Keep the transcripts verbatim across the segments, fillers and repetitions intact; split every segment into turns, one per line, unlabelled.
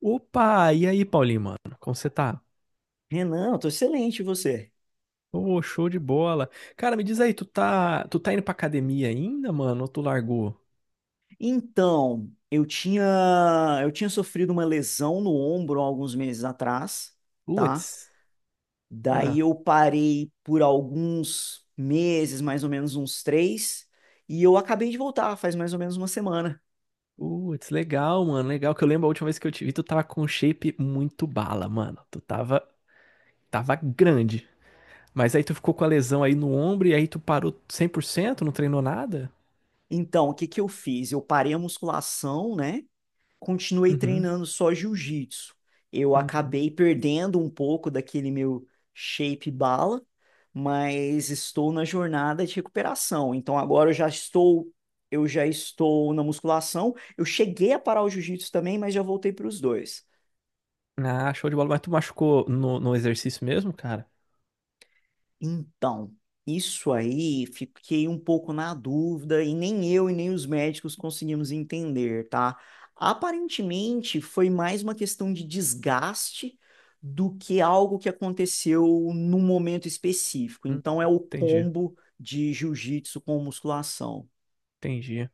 Opa, e aí, Paulinho, mano? Como você tá?
Renan, eu tô excelente, e você?
Ô, show de bola. Cara, me diz aí, tu tá, tu tá indo pra academia ainda, mano? Ou tu largou?
Então, eu tinha eu tinha sofrido uma lesão no ombro há alguns meses atrás, tá?
Putz. Ah,
Daí eu parei por alguns meses, mais ou menos uns três, e eu acabei de voltar, faz mais ou menos uma semana.
putz, legal, mano. Legal que eu lembro a última vez que eu te vi, tu tava com um shape muito bala, mano. Tu tava, tava grande. Mas aí tu ficou com a lesão aí no ombro e aí tu parou cem por cento, não treinou nada?
Então, o que que eu fiz? Eu parei a musculação, né? Continuei
Uhum,
treinando só jiu-jitsu. Eu
uhum.
acabei perdendo um pouco daquele meu shape bala, mas estou na jornada de recuperação. Então agora eu já estou, eu já estou na musculação. Eu cheguei a parar o jiu-jitsu também, mas já voltei para os dois.
Ah, show de bola. Mas tu machucou no, no exercício mesmo, cara?
Então, isso aí fiquei um pouco na dúvida e nem eu e nem os médicos conseguimos entender, tá? Aparentemente foi mais uma questão de desgaste do que algo que aconteceu num momento específico.
Hum,
Então é o
entendi,
combo de jiu-jitsu com musculação.
entendi.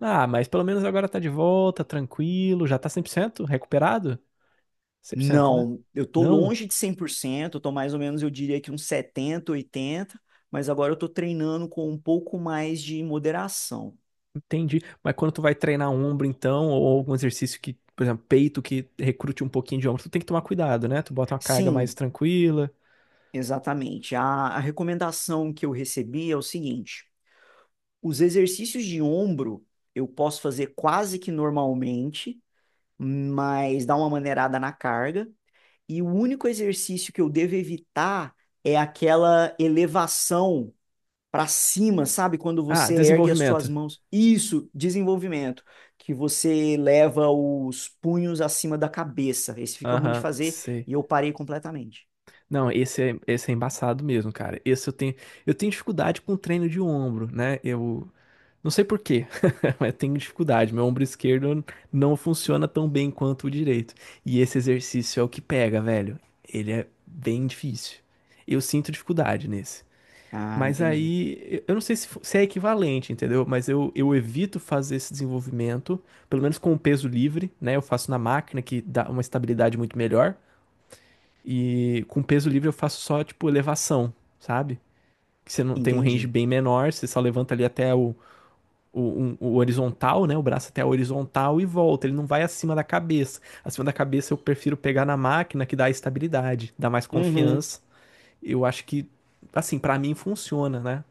Ah, mas pelo menos agora tá de volta, tranquilo, já tá cem por cento recuperado? Cem por cento, né?
Não, eu tô
Não,
longe de cem por cento, eu tô mais ou menos, eu diria que uns setenta, oitenta, mas agora eu tô treinando com um pouco mais de moderação.
entendi. Mas quando tu vai treinar um ombro, então, ou algum exercício que, por exemplo, peito que recrute um pouquinho de ombro, tu tem que tomar cuidado, né? Tu bota uma carga mais
Sim,
tranquila.
exatamente. A, a recomendação que eu recebi é o seguinte: os exercícios de ombro eu posso fazer quase que normalmente, mas dá uma maneirada na carga. E o único exercício que eu devo evitar é aquela elevação para cima, sabe? Quando
Ah,
você ergue as suas
desenvolvimento.
mãos. Isso, desenvolvimento, que você leva os punhos acima da cabeça. Esse fica ruim de
Aham,
fazer
sei.
e eu parei completamente.
Não, esse é, esse é embaçado mesmo, cara. Esse eu tenho, eu tenho dificuldade com treino de ombro, né? Eu, Não sei por quê, mas tenho dificuldade. Meu ombro esquerdo não funciona tão bem quanto o direito. E esse exercício é o que pega, velho. Ele é bem difícil. Eu sinto dificuldade nesse.
Ah,
Mas
entendi.
aí, eu não sei se, fo- se é equivalente, entendeu? Mas eu, eu evito fazer esse desenvolvimento, pelo menos com o peso livre, né? Eu faço na máquina, que dá uma estabilidade muito melhor. E com o peso livre eu faço só, tipo, elevação, sabe? Que você não tem um range
Entendi.
bem menor, você só levanta ali até o o, um- o horizontal, né? O braço até a horizontal e volta. Ele não vai acima da cabeça. Acima da cabeça eu prefiro pegar na máquina que dá estabilidade, dá mais
Uhum.
confiança. Eu acho que, assim, pra mim funciona, né?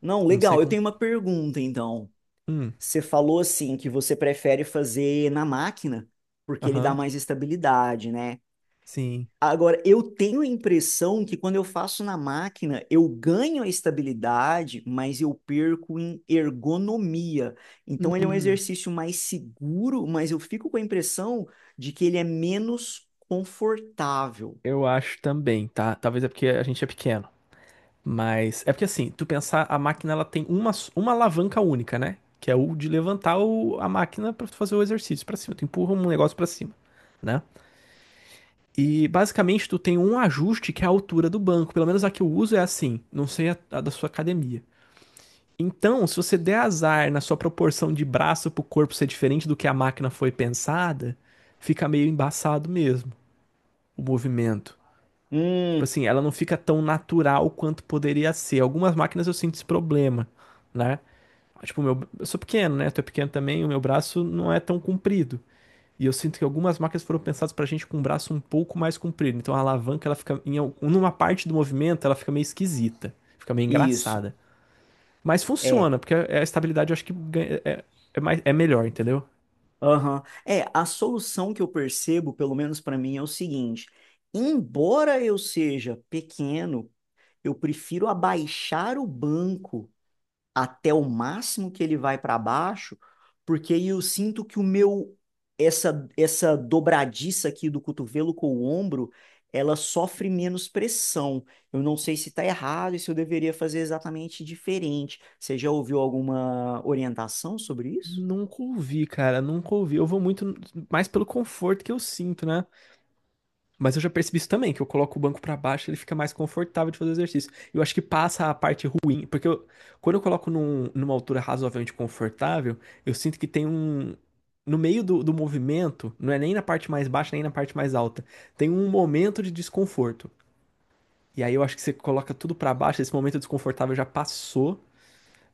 Não,
Não sei
legal. Eu
como.
tenho uma pergunta, então.
Hum,
Você falou assim que você prefere fazer na máquina porque ele dá
aham,
mais estabilidade, né?
sim.
Agora, eu tenho a impressão que quando eu faço na máquina, eu ganho a estabilidade, mas eu perco em ergonomia. Então, ele é um
Hum,
exercício mais seguro, mas eu fico com a impressão de que ele é menos confortável.
eu acho também, tá? Talvez é porque a gente é pequeno. Mas é porque assim, tu pensar, a máquina ela tem uma, s- uma alavanca única, né? Que é o de levantar o- a máquina pra tu fazer o exercício pra cima. Tu empurra um negócio pra cima, né? E basicamente tu tem um ajuste que é a altura do banco. Pelo menos a que eu uso é assim. Não sei a, a da sua academia. Então, se você der azar na sua proporção de braço pro corpo ser diferente do que a máquina foi pensada, fica meio embaçado mesmo o movimento. Tipo
Hum,
assim, ela não fica tão natural quanto poderia ser. Algumas máquinas eu sinto esse problema, né? Tipo, meu, eu sou pequeno, né? Tu é pequeno também, o meu braço não é tão comprido. E eu sinto que algumas máquinas foram pensadas pra gente com um braço um pouco mais comprido. Então a alavanca, ela fica em uma parte do movimento, ela fica meio esquisita, fica meio
isso.
engraçada. Mas
É.
funciona, porque é, é a estabilidade eu acho que é, é mais, é melhor, entendeu?
Aham. É, a solução que eu percebo, pelo menos para mim, é o seguinte: embora eu seja pequeno, eu prefiro abaixar o banco até o máximo que ele vai para baixo, porque aí eu sinto que o meu essa essa dobradiça aqui do cotovelo com o ombro, ela sofre menos pressão. Eu não sei se está errado e se eu deveria fazer exatamente diferente. Você já ouviu alguma orientação sobre isso?
Nunca ouvi, cara, nunca ouvi. Eu vou muito mais pelo conforto que eu sinto, né? Mas eu já percebi isso também, que eu coloco o banco pra baixo, ele fica mais confortável de fazer o exercício. Eu acho que passa a parte ruim, porque eu- quando eu coloco num- numa altura razoavelmente confortável, eu sinto que tem um. No meio do, do movimento, não é nem na parte mais baixa, nem na parte mais alta, tem um momento de desconforto. E aí eu acho que você coloca tudo pra baixo, esse momento desconfortável já passou,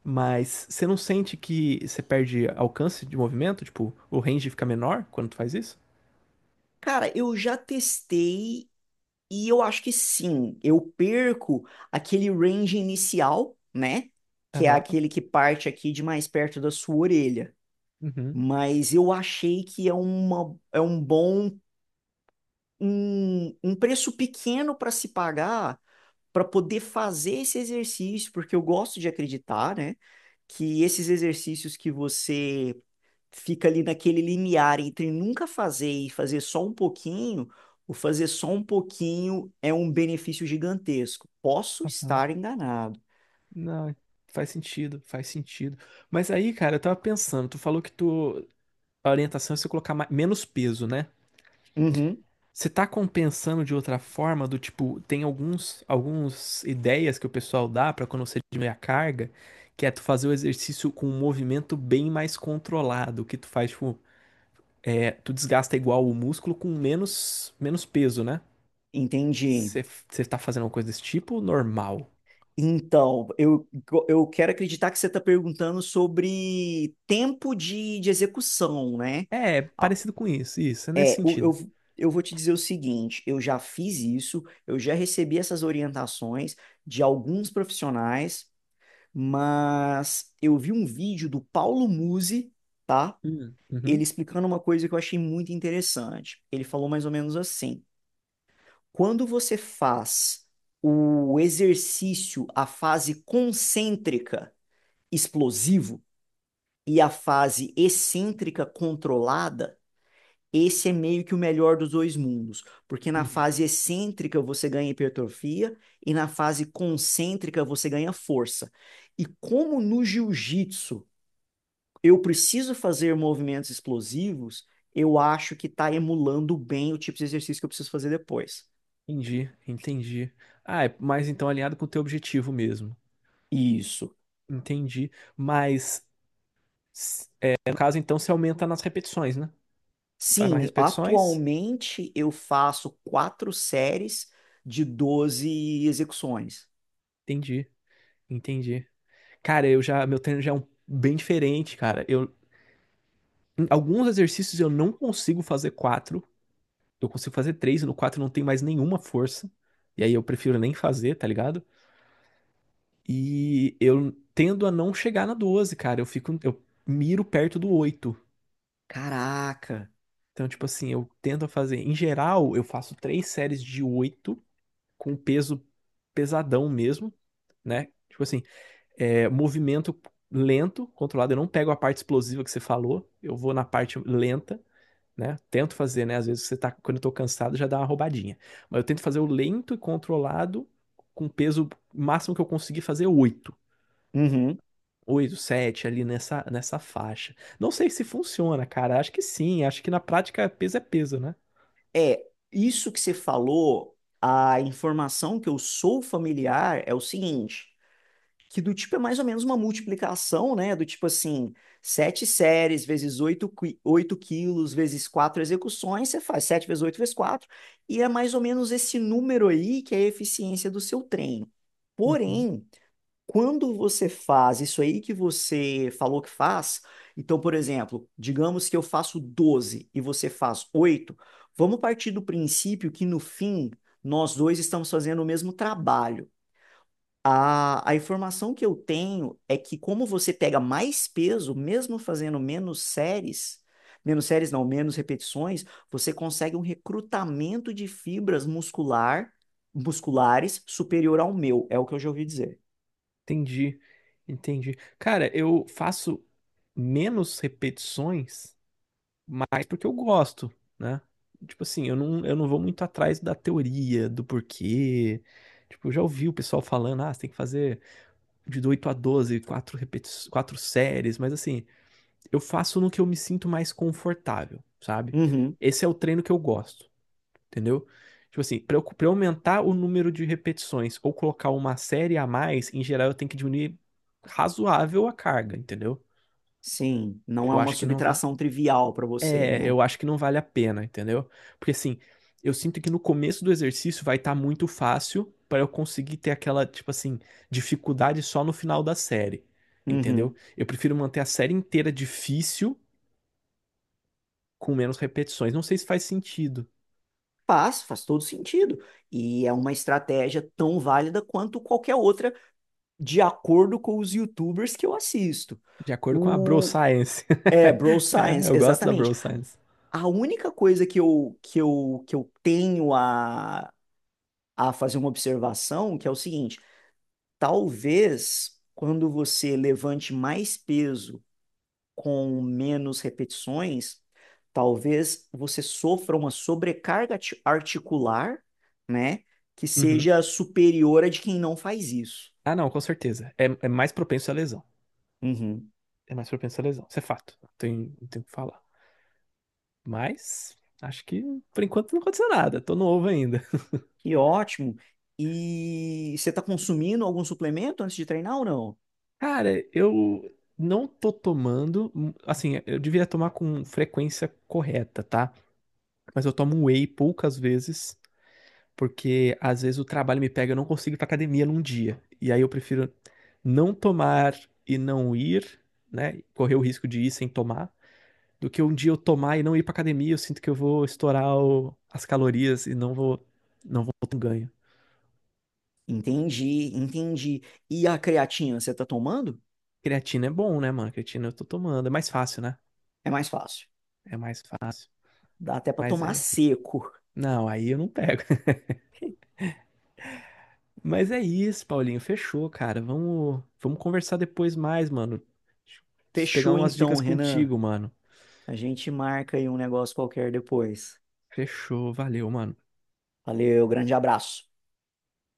mas você não sente que você perde alcance de movimento? Tipo, o range fica menor quando tu faz isso?
Cara, eu já testei. E eu acho que sim, eu perco aquele range inicial, né? Que é
Aham,
aquele que parte aqui de mais perto da sua orelha.
uhum.
Mas eu achei que é uma, é um bom, um, um preço pequeno para se pagar para poder fazer esse exercício, porque eu gosto de acreditar, né? Que esses exercícios que você fica ali naquele limiar entre nunca fazer e fazer só um pouquinho, o fazer só um pouquinho é um benefício gigantesco. Posso estar enganado.
Não, faz sentido, faz sentido. Mas aí, cara, eu tava pensando, tu falou que tu, a orientação é você colocar ma- menos peso, né?
Uhum,
Você tá compensando de outra forma, do tipo, tem alguns, algumas ideias que o pessoal dá pra quando você diminui a carga, que é tu fazer o exercício com um movimento bem mais controlado, que tu faz, tipo, é, tu desgasta igual o músculo com menos, menos peso, né?
entendi.
Você você tá fazendo uma coisa desse tipo, normal.
Então, eu, eu quero acreditar que você está perguntando sobre tempo de, de execução, né?
É,
Ah,
parecido com isso, isso, é nesse
é, o-
sentido.
eu, eu vou te dizer o seguinte: eu já fiz isso, eu já recebi essas orientações de alguns profissionais, mas eu vi um vídeo do Paulo Musi, tá?
Hum. Uhum,
Ele explicando uma coisa que eu achei muito interessante. Ele falou mais ou menos assim: quando você faz o exercício, a fase concêntrica explosivo e a fase excêntrica controlada, esse é meio que o melhor dos dois mundos, porque na
uhum.
fase excêntrica você ganha hipertrofia e na fase concêntrica você ganha força. E como no jiu-jitsu eu preciso fazer movimentos explosivos, eu acho que está emulando bem o tipo de exercício que eu preciso fazer depois.
Entendi, entendi. Ah, é mais então alinhado com o teu objetivo mesmo.
Isso.
Entendi. Mas, s- é, no caso, então, você aumenta nas repetições, né? Faz mais
Sim,
repetições?
atualmente eu faço quatro séries de doze execuções.
Entendi, entendi. Cara, eu já, meu treino já é um, bem diferente, cara. Eu, em alguns exercícios eu não consigo fazer quatro. Eu consigo fazer três, e no quatro não tem mais nenhuma força. E aí eu prefiro nem fazer, tá ligado? E eu tendo a não chegar na doze, cara. Eu fico, eu miro perto do oito.
Caraca.
Então, tipo assim, eu tento fazer. Em geral, eu faço três séries de oito com peso pesadão mesmo, né? Tipo assim, é, movimento lento, controlado. Eu não pego a parte explosiva que você falou, eu vou na parte lenta, né? Tento fazer, né? Às vezes você tá, quando eu tô cansado, já dá uma roubadinha. Mas eu tento fazer o lento e controlado com peso máximo que eu conseguir fazer oito.
Uhum.
Oito, sete ali nessa, nessa faixa. Não sei se funciona, cara. Acho que sim. Acho que na prática peso é peso, né?
É, isso que você falou, a informação que eu sou familiar é o seguinte. Que do tipo é mais ou menos uma multiplicação, né? Do tipo assim, sete séries vezes oito oito quilos vezes quatro execuções, você faz sete vezes oito vezes quatro e é mais ou menos esse número aí que é a eficiência do seu treino.
Uhum.
Porém, quando você faz isso aí que você falou que faz, então, por exemplo, digamos que eu faço doze e você faz oito, vamos partir do princípio que no fim nós dois estamos fazendo o mesmo trabalho. A, a informação que eu tenho é que como você pega mais peso, mesmo fazendo menos séries, menos séries não, menos repetições, você consegue um recrutamento de fibras muscular, musculares superior ao meu, é o que eu já ouvi dizer.
Entendi, entendi. Cara, eu faço menos repetições, mas porque eu gosto, né? Tipo assim, eu não, eu não vou muito atrás da teoria, do porquê. Tipo, eu já ouvi o pessoal falando, ah, você tem que fazer de oito a doze, quatro repeti quatro séries, mas assim, eu faço no que eu me sinto mais confortável, sabe?
Uhum,
Esse é o treino que eu gosto, entendeu? Tipo assim, para eu, pra eu aumentar o número de repetições ou colocar uma série a mais, em geral eu tenho que diminuir razoável a carga, entendeu?
sim, não é
Eu
uma
acho que não vai.
subtração trivial para você,
É,
né?
eu acho que não vale a pena, entendeu? Porque assim, eu sinto que no começo do exercício vai estar muito fácil para eu conseguir ter aquela, tipo assim, dificuldade só no final da série, entendeu?
Uhum.
Eu prefiro manter a série inteira difícil com menos repetições. Não sei se faz sentido,
Faz, faz todo sentido. E é uma estratégia tão válida quanto qualquer outra, de acordo com os YouTubers que eu assisto.
de acordo com a Bro
O,
Science.
é, Bro
É,
Science,
eu gosto da Bro
exatamente.
Science.
A única coisa que eu, que eu, que eu tenho a, a fazer uma observação, que é o seguinte, talvez quando você levante mais peso com menos repetições, talvez você sofra uma sobrecarga ati- articular, né, que
Uhum.
seja superior a de quem não faz isso.
Ah, não, com certeza. É, é mais propenso à lesão.
Uhum.
É mais propenso à lesão. Isso é fato. Não tem, não tem o que falar. Mas acho que por enquanto não aconteceu nada. Tô novo ainda.
Que ótimo. E você está consumindo algum suplemento antes de treinar ou não?
Cara, eu não tô tomando. hum, Assim, eu devia tomar com frequência correta, tá? Mas eu tomo whey poucas vezes, porque às vezes o trabalho me pega, eu não consigo ir pra academia num dia. E aí eu prefiro não tomar e não ir, né? Correr o risco de ir sem tomar do que um dia eu tomar e não ir pra academia, eu sinto que eu vou estourar o- as calorias e não vou, não vou ter um ganho.
Entendi, entendi. E a creatina você tá tomando?
Creatina é bom, né, mano? Creatina eu tô tomando. É mais fácil, né?
É mais fácil.
É mais fácil.
Dá até pra
Mas
tomar
é.
seco.
Não, aí eu não pego. Mas é isso, Paulinho. Fechou, cara. Vamos, vamos conversar depois mais, mano. Preciso pegar
Fechou
umas
então,
dicas
Renan.
contigo, mano.
A gente marca aí um negócio qualquer depois.
Fechou. Valeu, mano.
Valeu, grande abraço.